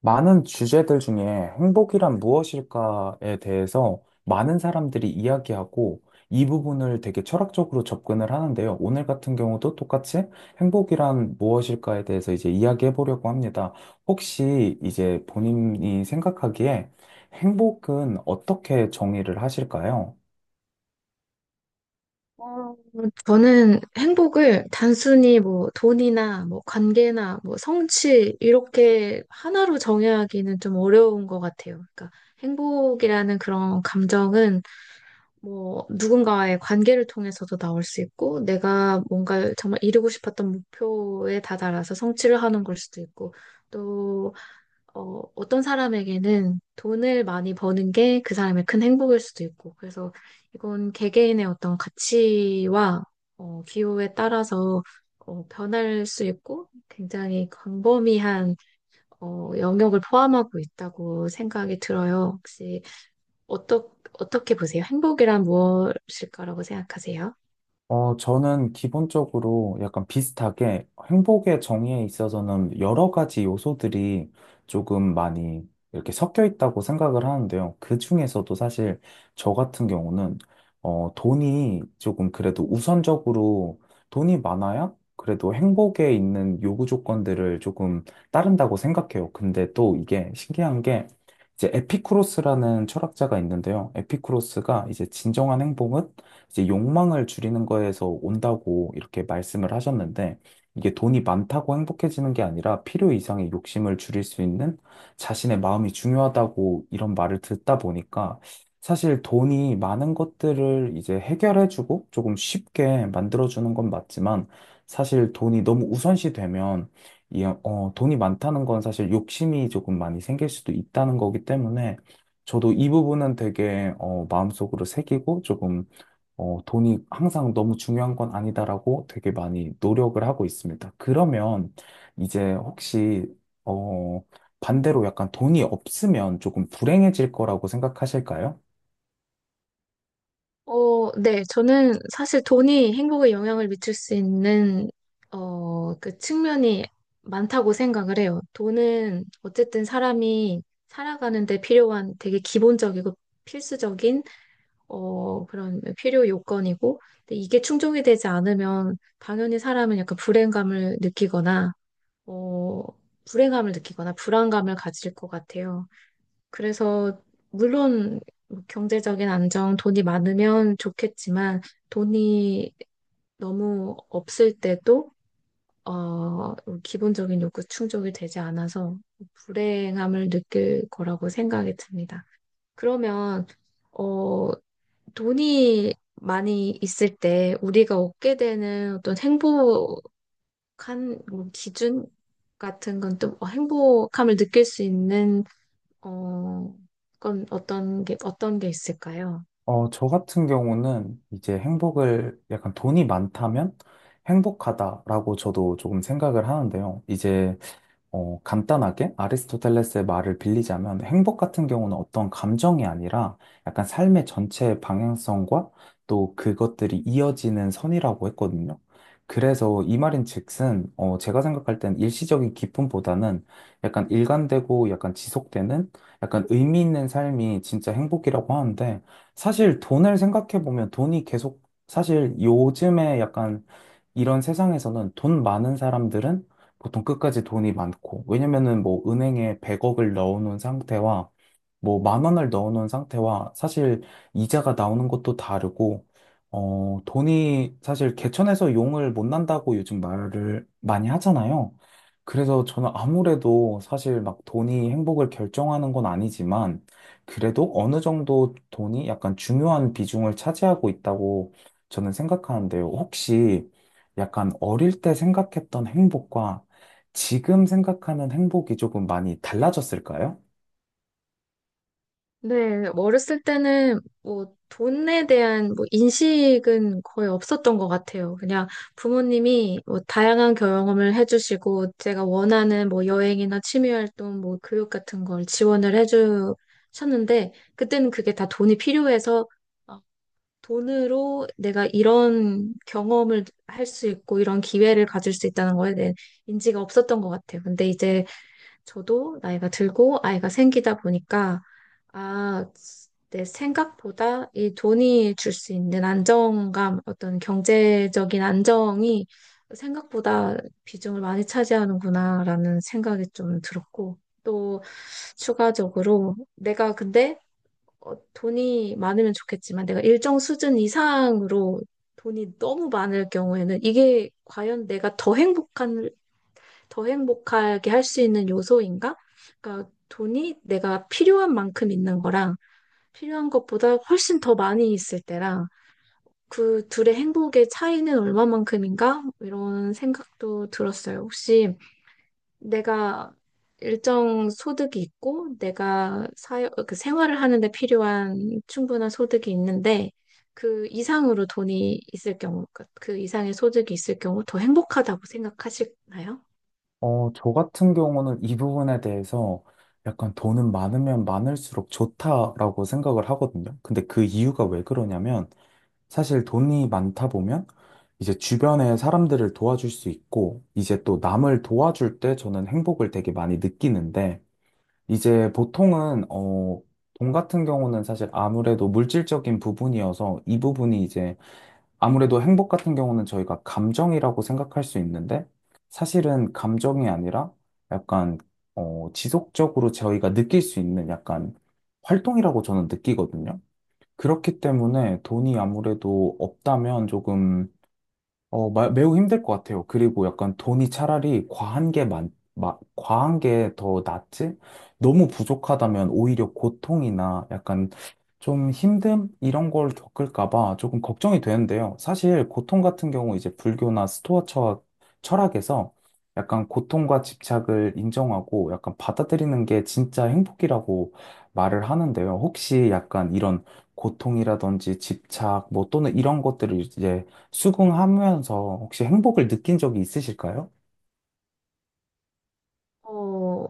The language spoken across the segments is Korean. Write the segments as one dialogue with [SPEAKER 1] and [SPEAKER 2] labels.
[SPEAKER 1] 많은 주제들 중에 행복이란 무엇일까에 대해서 많은 사람들이 이야기하고 이 부분을 되게 철학적으로 접근을 하는데요. 오늘 같은 경우도 똑같이 행복이란 무엇일까에 대해서 이제 이야기해 보려고 합니다. 혹시 이제 본인이 생각하기에 행복은 어떻게 정의를 하실까요?
[SPEAKER 2] 어, 저는 행복을 단순히 뭐 돈이나 뭐 관계나 뭐 성취 이렇게 하나로 정의하기는 좀 어려운 것 같아요. 그러니까 행복이라는 그런 감정은 뭐 누군가와의 관계를 통해서도 나올 수 있고 내가 뭔가 정말 이루고 싶었던 목표에 다다라서 성취를 하는 걸 수도 있고 어떤 사람에게는 돈을 많이 버는 게 그 사람의 큰 행복일 수도 있고, 그래서 이건 개개인의 어떤 가치와 기호에 따라서 변할 수 있고, 굉장히 광범위한 영역을 포함하고 있다고 생각이 들어요. 혹시 어떠, 어떻게 보세요? 행복이란 무엇일까라고 생각하세요?
[SPEAKER 1] 저는 기본적으로 약간 비슷하게 행복의 정의에 있어서는 여러 가지 요소들이 조금 많이 이렇게 섞여 있다고 생각을 하는데요. 그 중에서도 사실 저 같은 경우는 돈이 조금 그래도 우선적으로 돈이 많아야 그래도 행복에 있는 요구 조건들을 조금 따른다고 생각해요. 근데 또 이게 신기한 게 이제 에피쿠로스라는 철학자가 있는데요. 에피쿠로스가 이제 진정한 행복은 이제 욕망을 줄이는 거에서 온다고 이렇게 말씀을 하셨는데, 이게 돈이 많다고 행복해지는 게 아니라 필요 이상의 욕심을 줄일 수 있는 자신의 마음이 중요하다고 이런 말을 듣다 보니까, 사실 돈이 많은 것들을 이제 해결해주고 조금 쉽게 만들어주는 건 맞지만, 사실 돈이 너무 우선시 되면 돈이 많다는 건 사실 욕심이 조금 많이 생길 수도 있다는 거기 때문에, 저도 이 부분은 되게 마음속으로 새기고, 조금 돈이 항상 너무 중요한 건 아니다라고 되게 많이 노력을 하고 있습니다. 그러면 이제 혹시, 어, 반대로 약간 돈이 없으면 조금 불행해질 거라고 생각하실까요?
[SPEAKER 2] 네. 저는 사실 돈이 행복에 영향을 미칠 수 있는, 그 측면이 많다고 생각을 해요. 돈은 어쨌든 사람이 살아가는 데 필요한 되게 기본적이고 필수적인, 그런 필요 요건이고, 근데 이게 충족이 되지 않으면 당연히 사람은 약간 불행감을 느끼거나, 어, 불안감을 가질 것 같아요. 그래서 물론 뭐 경제적인 안정, 돈이 많으면 좋겠지만 돈이 너무 없을 때도 어, 기본적인 욕구 충족이 되지 않아서 불행함을 느낄 거라고 생각이 듭니다. 그러면 어, 돈이 많이 있을 때 우리가 얻게 되는 어떤 행복한 뭐 기준 같은 건또 뭐 행복함을 느낄 수 있는 어, 그건 어떤 게 있을까요?
[SPEAKER 1] 저 같은 경우는 이제 행복을 약간 돈이 많다면 행복하다라고 저도 조금 생각을 하는데요. 이제 간단하게 아리스토텔레스의 말을 빌리자면 행복 같은 경우는 어떤 감정이 아니라 약간 삶의 전체 방향성과 또 그것들이 이어지는 선이라고 했거든요. 그래서 이 말인즉슨, 제가 생각할 땐 일시적인 기쁨보다는 약간 일관되고 약간 지속되는 약간 의미 있는 삶이 진짜 행복이라고 하는데, 사실 돈을 생각해 보면, 돈이 계속 사실 요즘에 약간 이런 세상에서는 돈 많은 사람들은 보통 끝까지 돈이 많고, 왜냐면은 뭐 은행에 100억을 넣어놓은 상태와 뭐 만 원을 넣어놓은 상태와 사실 이자가 나오는 것도 다르고, 돈이 사실 개천에서 용을 못 난다고 요즘 말을 많이 하잖아요. 그래서 저는 아무래도 사실 막 돈이 행복을 결정하는 건 아니지만, 그래도 어느 정도 돈이 약간 중요한 비중을 차지하고 있다고 저는 생각하는데요. 혹시 약간 어릴 때 생각했던 행복과 지금 생각하는 행복이 조금 많이 달라졌을까요?
[SPEAKER 2] 네, 어렸을 때는 뭐 돈에 대한 뭐 인식은 거의 없었던 것 같아요. 그냥 부모님이 뭐 다양한 경험을 해주시고 제가 원하는 뭐 여행이나 취미 활동, 뭐 교육 같은 걸 지원을 해주셨는데 그때는 그게 다 돈이 필요해서 어, 돈으로 내가 이런 경험을 할 수 있고 이런 기회를 가질 수 있다는 거에 대한 인지가 없었던 것 같아요. 근데 이제 저도 나이가 들고 아이가 생기다 보니까, 아, 내 생각보다 이 돈이 줄 수 있는 안정감, 어떤 경제적인 안정이 생각보다 비중을 많이 차지하는구나라는 생각이 좀 들었고, 또 추가적으로 내가 근데 돈이 많으면 좋겠지만 내가 일정 수준 이상으로 돈이 너무 많을 경우에는 이게 과연 내가 더 행복하게 할 수 있는 요소인가? 그러니까 돈이 내가 필요한 만큼 있는 거랑 필요한 것보다 훨씬 더 많이 있을 때랑 그 둘의 행복의 차이는 얼마만큼인가? 이런 생각도 들었어요. 혹시 내가 일정 소득이 있고 내가 사회, 그 생활을 하는데 필요한 충분한 소득이 있는데 그 이상으로 돈이 있을 경우, 그 이상의 소득이 있을 경우 더 행복하다고 생각하시나요?
[SPEAKER 1] 저 같은 경우는 이 부분에 대해서 약간 돈은 많으면 많을수록 좋다라고 생각을 하거든요. 근데 그 이유가 왜 그러냐면, 사실 돈이 많다 보면 이제 주변에 사람들을 도와줄 수 있고 이제 또 남을 도와줄 때 저는 행복을 되게 많이 느끼는데, 이제 보통은 돈 같은 경우는 사실 아무래도 물질적인 부분이어서, 이 부분이 이제 아무래도 행복 같은 경우는 저희가 감정이라고 생각할 수 있는데, 사실은 감정이 아니라 약간 지속적으로 저희가 느낄 수 있는 약간 활동이라고 저는 느끼거든요. 그렇기 때문에 돈이 아무래도 없다면 조금 매우 힘들 것 같아요. 그리고 약간 돈이 차라리 과한 게 더 낫지? 너무 부족하다면 오히려 고통이나 약간 좀 힘듦? 이런 걸 겪을까 봐 조금 걱정이 되는데요. 사실 고통 같은 경우, 이제 불교나 스토아 철학에서 약간 고통과 집착을 인정하고 약간 받아들이는 게 진짜 행복이라고 말을 하는데요. 혹시 약간 이런 고통이라든지 집착, 뭐 또는 이런 것들을 이제 수긍하면서 혹시 행복을 느낀 적이 있으실까요?
[SPEAKER 2] 어,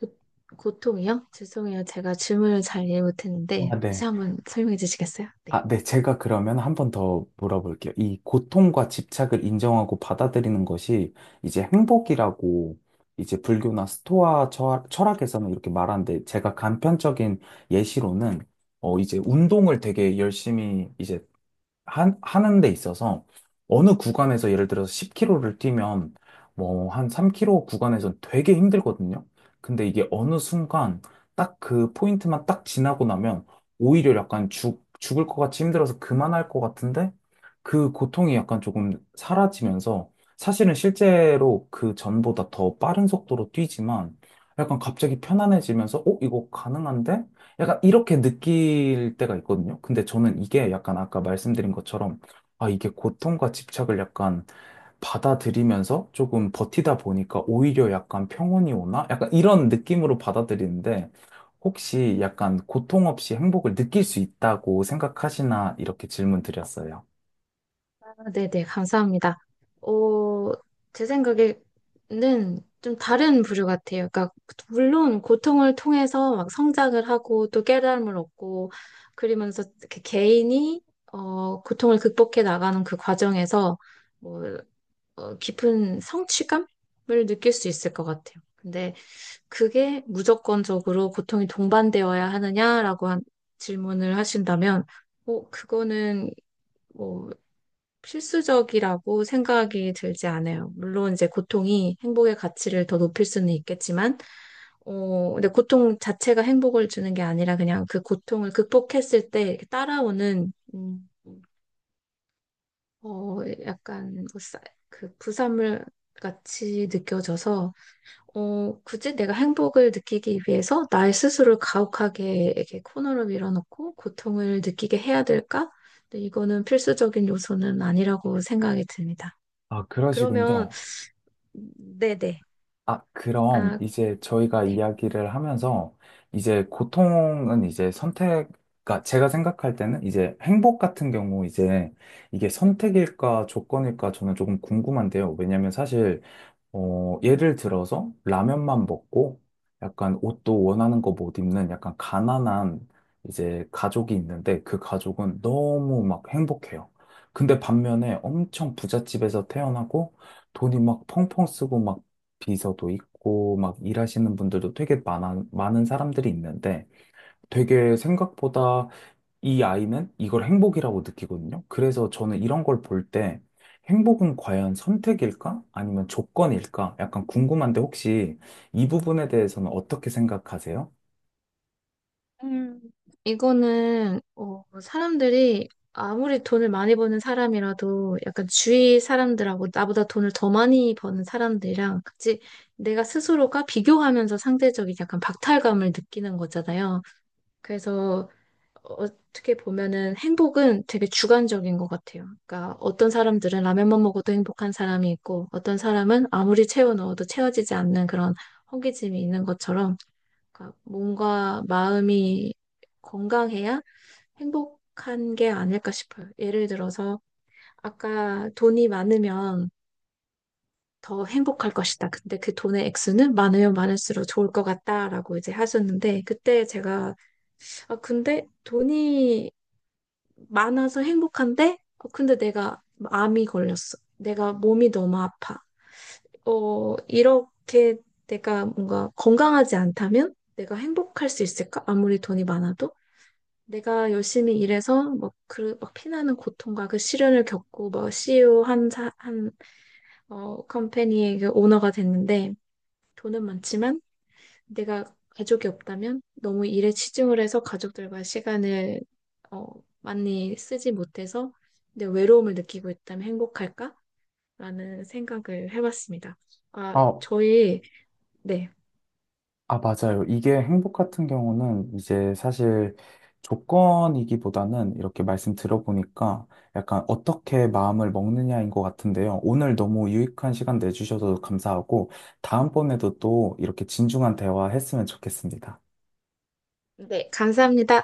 [SPEAKER 2] 고- 고통이요? 죄송해요. 제가 질문을 잘 이해 못했는데
[SPEAKER 1] 아,
[SPEAKER 2] 다시
[SPEAKER 1] 네.
[SPEAKER 2] 한번 설명해 주시겠어요? 네.
[SPEAKER 1] 아, 네. 제가 그러면 한번 더 물어볼게요. 이 고통과 집착을 인정하고 받아들이는 것이 이제 행복이라고, 이제 불교나 스토아 철학에서는 이렇게 말하는데, 제가 간편적인 예시로는 이제 운동을 되게 열심히 이제 하는 데 있어서, 어느 구간에서 예를 들어서 10km를 뛰면 뭐 한 3km 구간에선 되게 힘들거든요. 근데 이게 어느 순간 딱 그 포인트만 딱 지나고 나면, 오히려 약간 죽을 것 같이 힘들어서 그만할 것 같은데, 그 고통이 약간 조금 사라지면서 사실은 실제로 그 전보다 더 빠른 속도로 뛰지만, 약간 갑자기 편안해지면서 이거 가능한데? 약간 이렇게 느낄 때가 있거든요. 근데 저는 이게 약간 아까 말씀드린 것처럼, 아, 이게 고통과 집착을 약간 받아들이면서 조금 버티다 보니까 오히려 약간 평온이 오나? 약간 이런 느낌으로 받아들이는데, 혹시 약간 고통 없이 행복을 느낄 수 있다고 생각하시나? 이렇게 질문 드렸어요.
[SPEAKER 2] 아, 네네, 감사합니다. 어, 제 생각에는 좀 다른 부류 같아요. 그러니까, 물론 고통을 통해서 막 성장을 하고 또 깨달음을 얻고 그러면서 이렇게 개인이 고통을 극복해 나가는 그 과정에서 뭐, 깊은 성취감을 느낄 수 있을 것 같아요. 근데 그게 무조건적으로 고통이 동반되어야 하느냐라고 한 질문을 하신다면, 뭐, 그거는 뭐 필수적이라고 생각이 들지 않아요. 물론 이제 고통이 행복의 가치를 더 높일 수는 있겠지만, 근데 고통 자체가 행복을 주는 게 아니라 그냥 그 고통을 극복했을 때 이렇게 따라오는, 어, 약간 그 부산물 같이 느껴져서, 굳이 내가 행복을 느끼기 위해서 나의 스스로를 가혹하게 이렇게 코너로 밀어넣고 고통을 느끼게 해야 될까? 근데 이거는 필수적인 요소는 아니라고 생각이 듭니다.
[SPEAKER 1] 아,
[SPEAKER 2] 그러면
[SPEAKER 1] 그러시군요.
[SPEAKER 2] 네네.
[SPEAKER 1] 아, 그럼
[SPEAKER 2] 아,
[SPEAKER 1] 이제 저희가
[SPEAKER 2] 네.
[SPEAKER 1] 이야기를 하면서, 이제 고통은 이제 선택, 그러니까 제가 생각할 때는 이제 행복 같은 경우 이제 이게 선택일까 조건일까 저는 조금 궁금한데요. 왜냐면 사실 예를 들어서 라면만 먹고 약간 옷도 원하는 거 못 입는 약간 가난한 이제 가족이 있는데, 그 가족은 너무 막 행복해요. 근데 반면에 엄청 부잣집에서 태어나고 돈이 막 펑펑 쓰고 막 비서도 있고 막 일하시는 분들도 되게 많은 사람들이 있는데, 되게 생각보다 이 아이는 이걸 행복이라고 느끼거든요. 그래서 저는 이런 걸 볼 때, 행복은 과연 선택일까? 아니면 조건일까? 약간 궁금한데, 혹시 이 부분에 대해서는 어떻게 생각하세요?
[SPEAKER 2] 음, 이거는 사람들이 아무리 돈을 많이 버는 사람이라도 약간 주위 사람들하고 나보다 돈을 더 많이 버는 사람들이랑 같이 내가 스스로가 비교하면서 상대적인 약간 박탈감을 느끼는 거잖아요. 그래서 어떻게 보면은 행복은 되게 주관적인 것 같아요. 그러니까 어떤 사람들은 라면만 먹어도 행복한 사람이 있고 어떤 사람은 아무리 채워 넣어도 채워지지 않는 그런 허기짐이 있는 것처럼 그러니까 몸과 마음이 건강해야 행복한 게 아닐까 싶어요. 예를 들어서 아까 돈이 많으면 더 행복할 것이다. 근데 그 돈의 액수는 많으면 많을수록 좋을 것 같다라고 이제 하셨는데 그때 제가 아 근데 돈이 많아서 행복한데 근데 내가 암이 걸렸어. 내가 몸이 너무 아파. 어 이렇게 내가 뭔가 건강하지 않다면 내가 행복할 수 있을까? 아무리 돈이 많아도 내가 열심히 일해서 뭐 그 막 피나는 고통과 그 시련을 겪고 뭐 CEO 한 컴퍼니의 그 오너가 됐는데 돈은 많지만 내가 가족이 없다면 너무 일에 치중을 해서 가족들과 시간을 어, 많이 쓰지 못해서 내 외로움을 느끼고 있다면 행복할까? 라는 생각을 해봤습니다. 아,
[SPEAKER 1] 아,
[SPEAKER 2] 저희 네.
[SPEAKER 1] 아, 맞아요. 이게 행복 같은 경우는 이제 사실 조건이기보다는, 이렇게 말씀 들어보니까 약간 어떻게 마음을 먹느냐인 것 같은데요. 오늘 너무 유익한 시간 내주셔서 감사하고, 다음번에도 또 이렇게 진중한 대화 했으면 좋겠습니다.
[SPEAKER 2] 네, 감사합니다.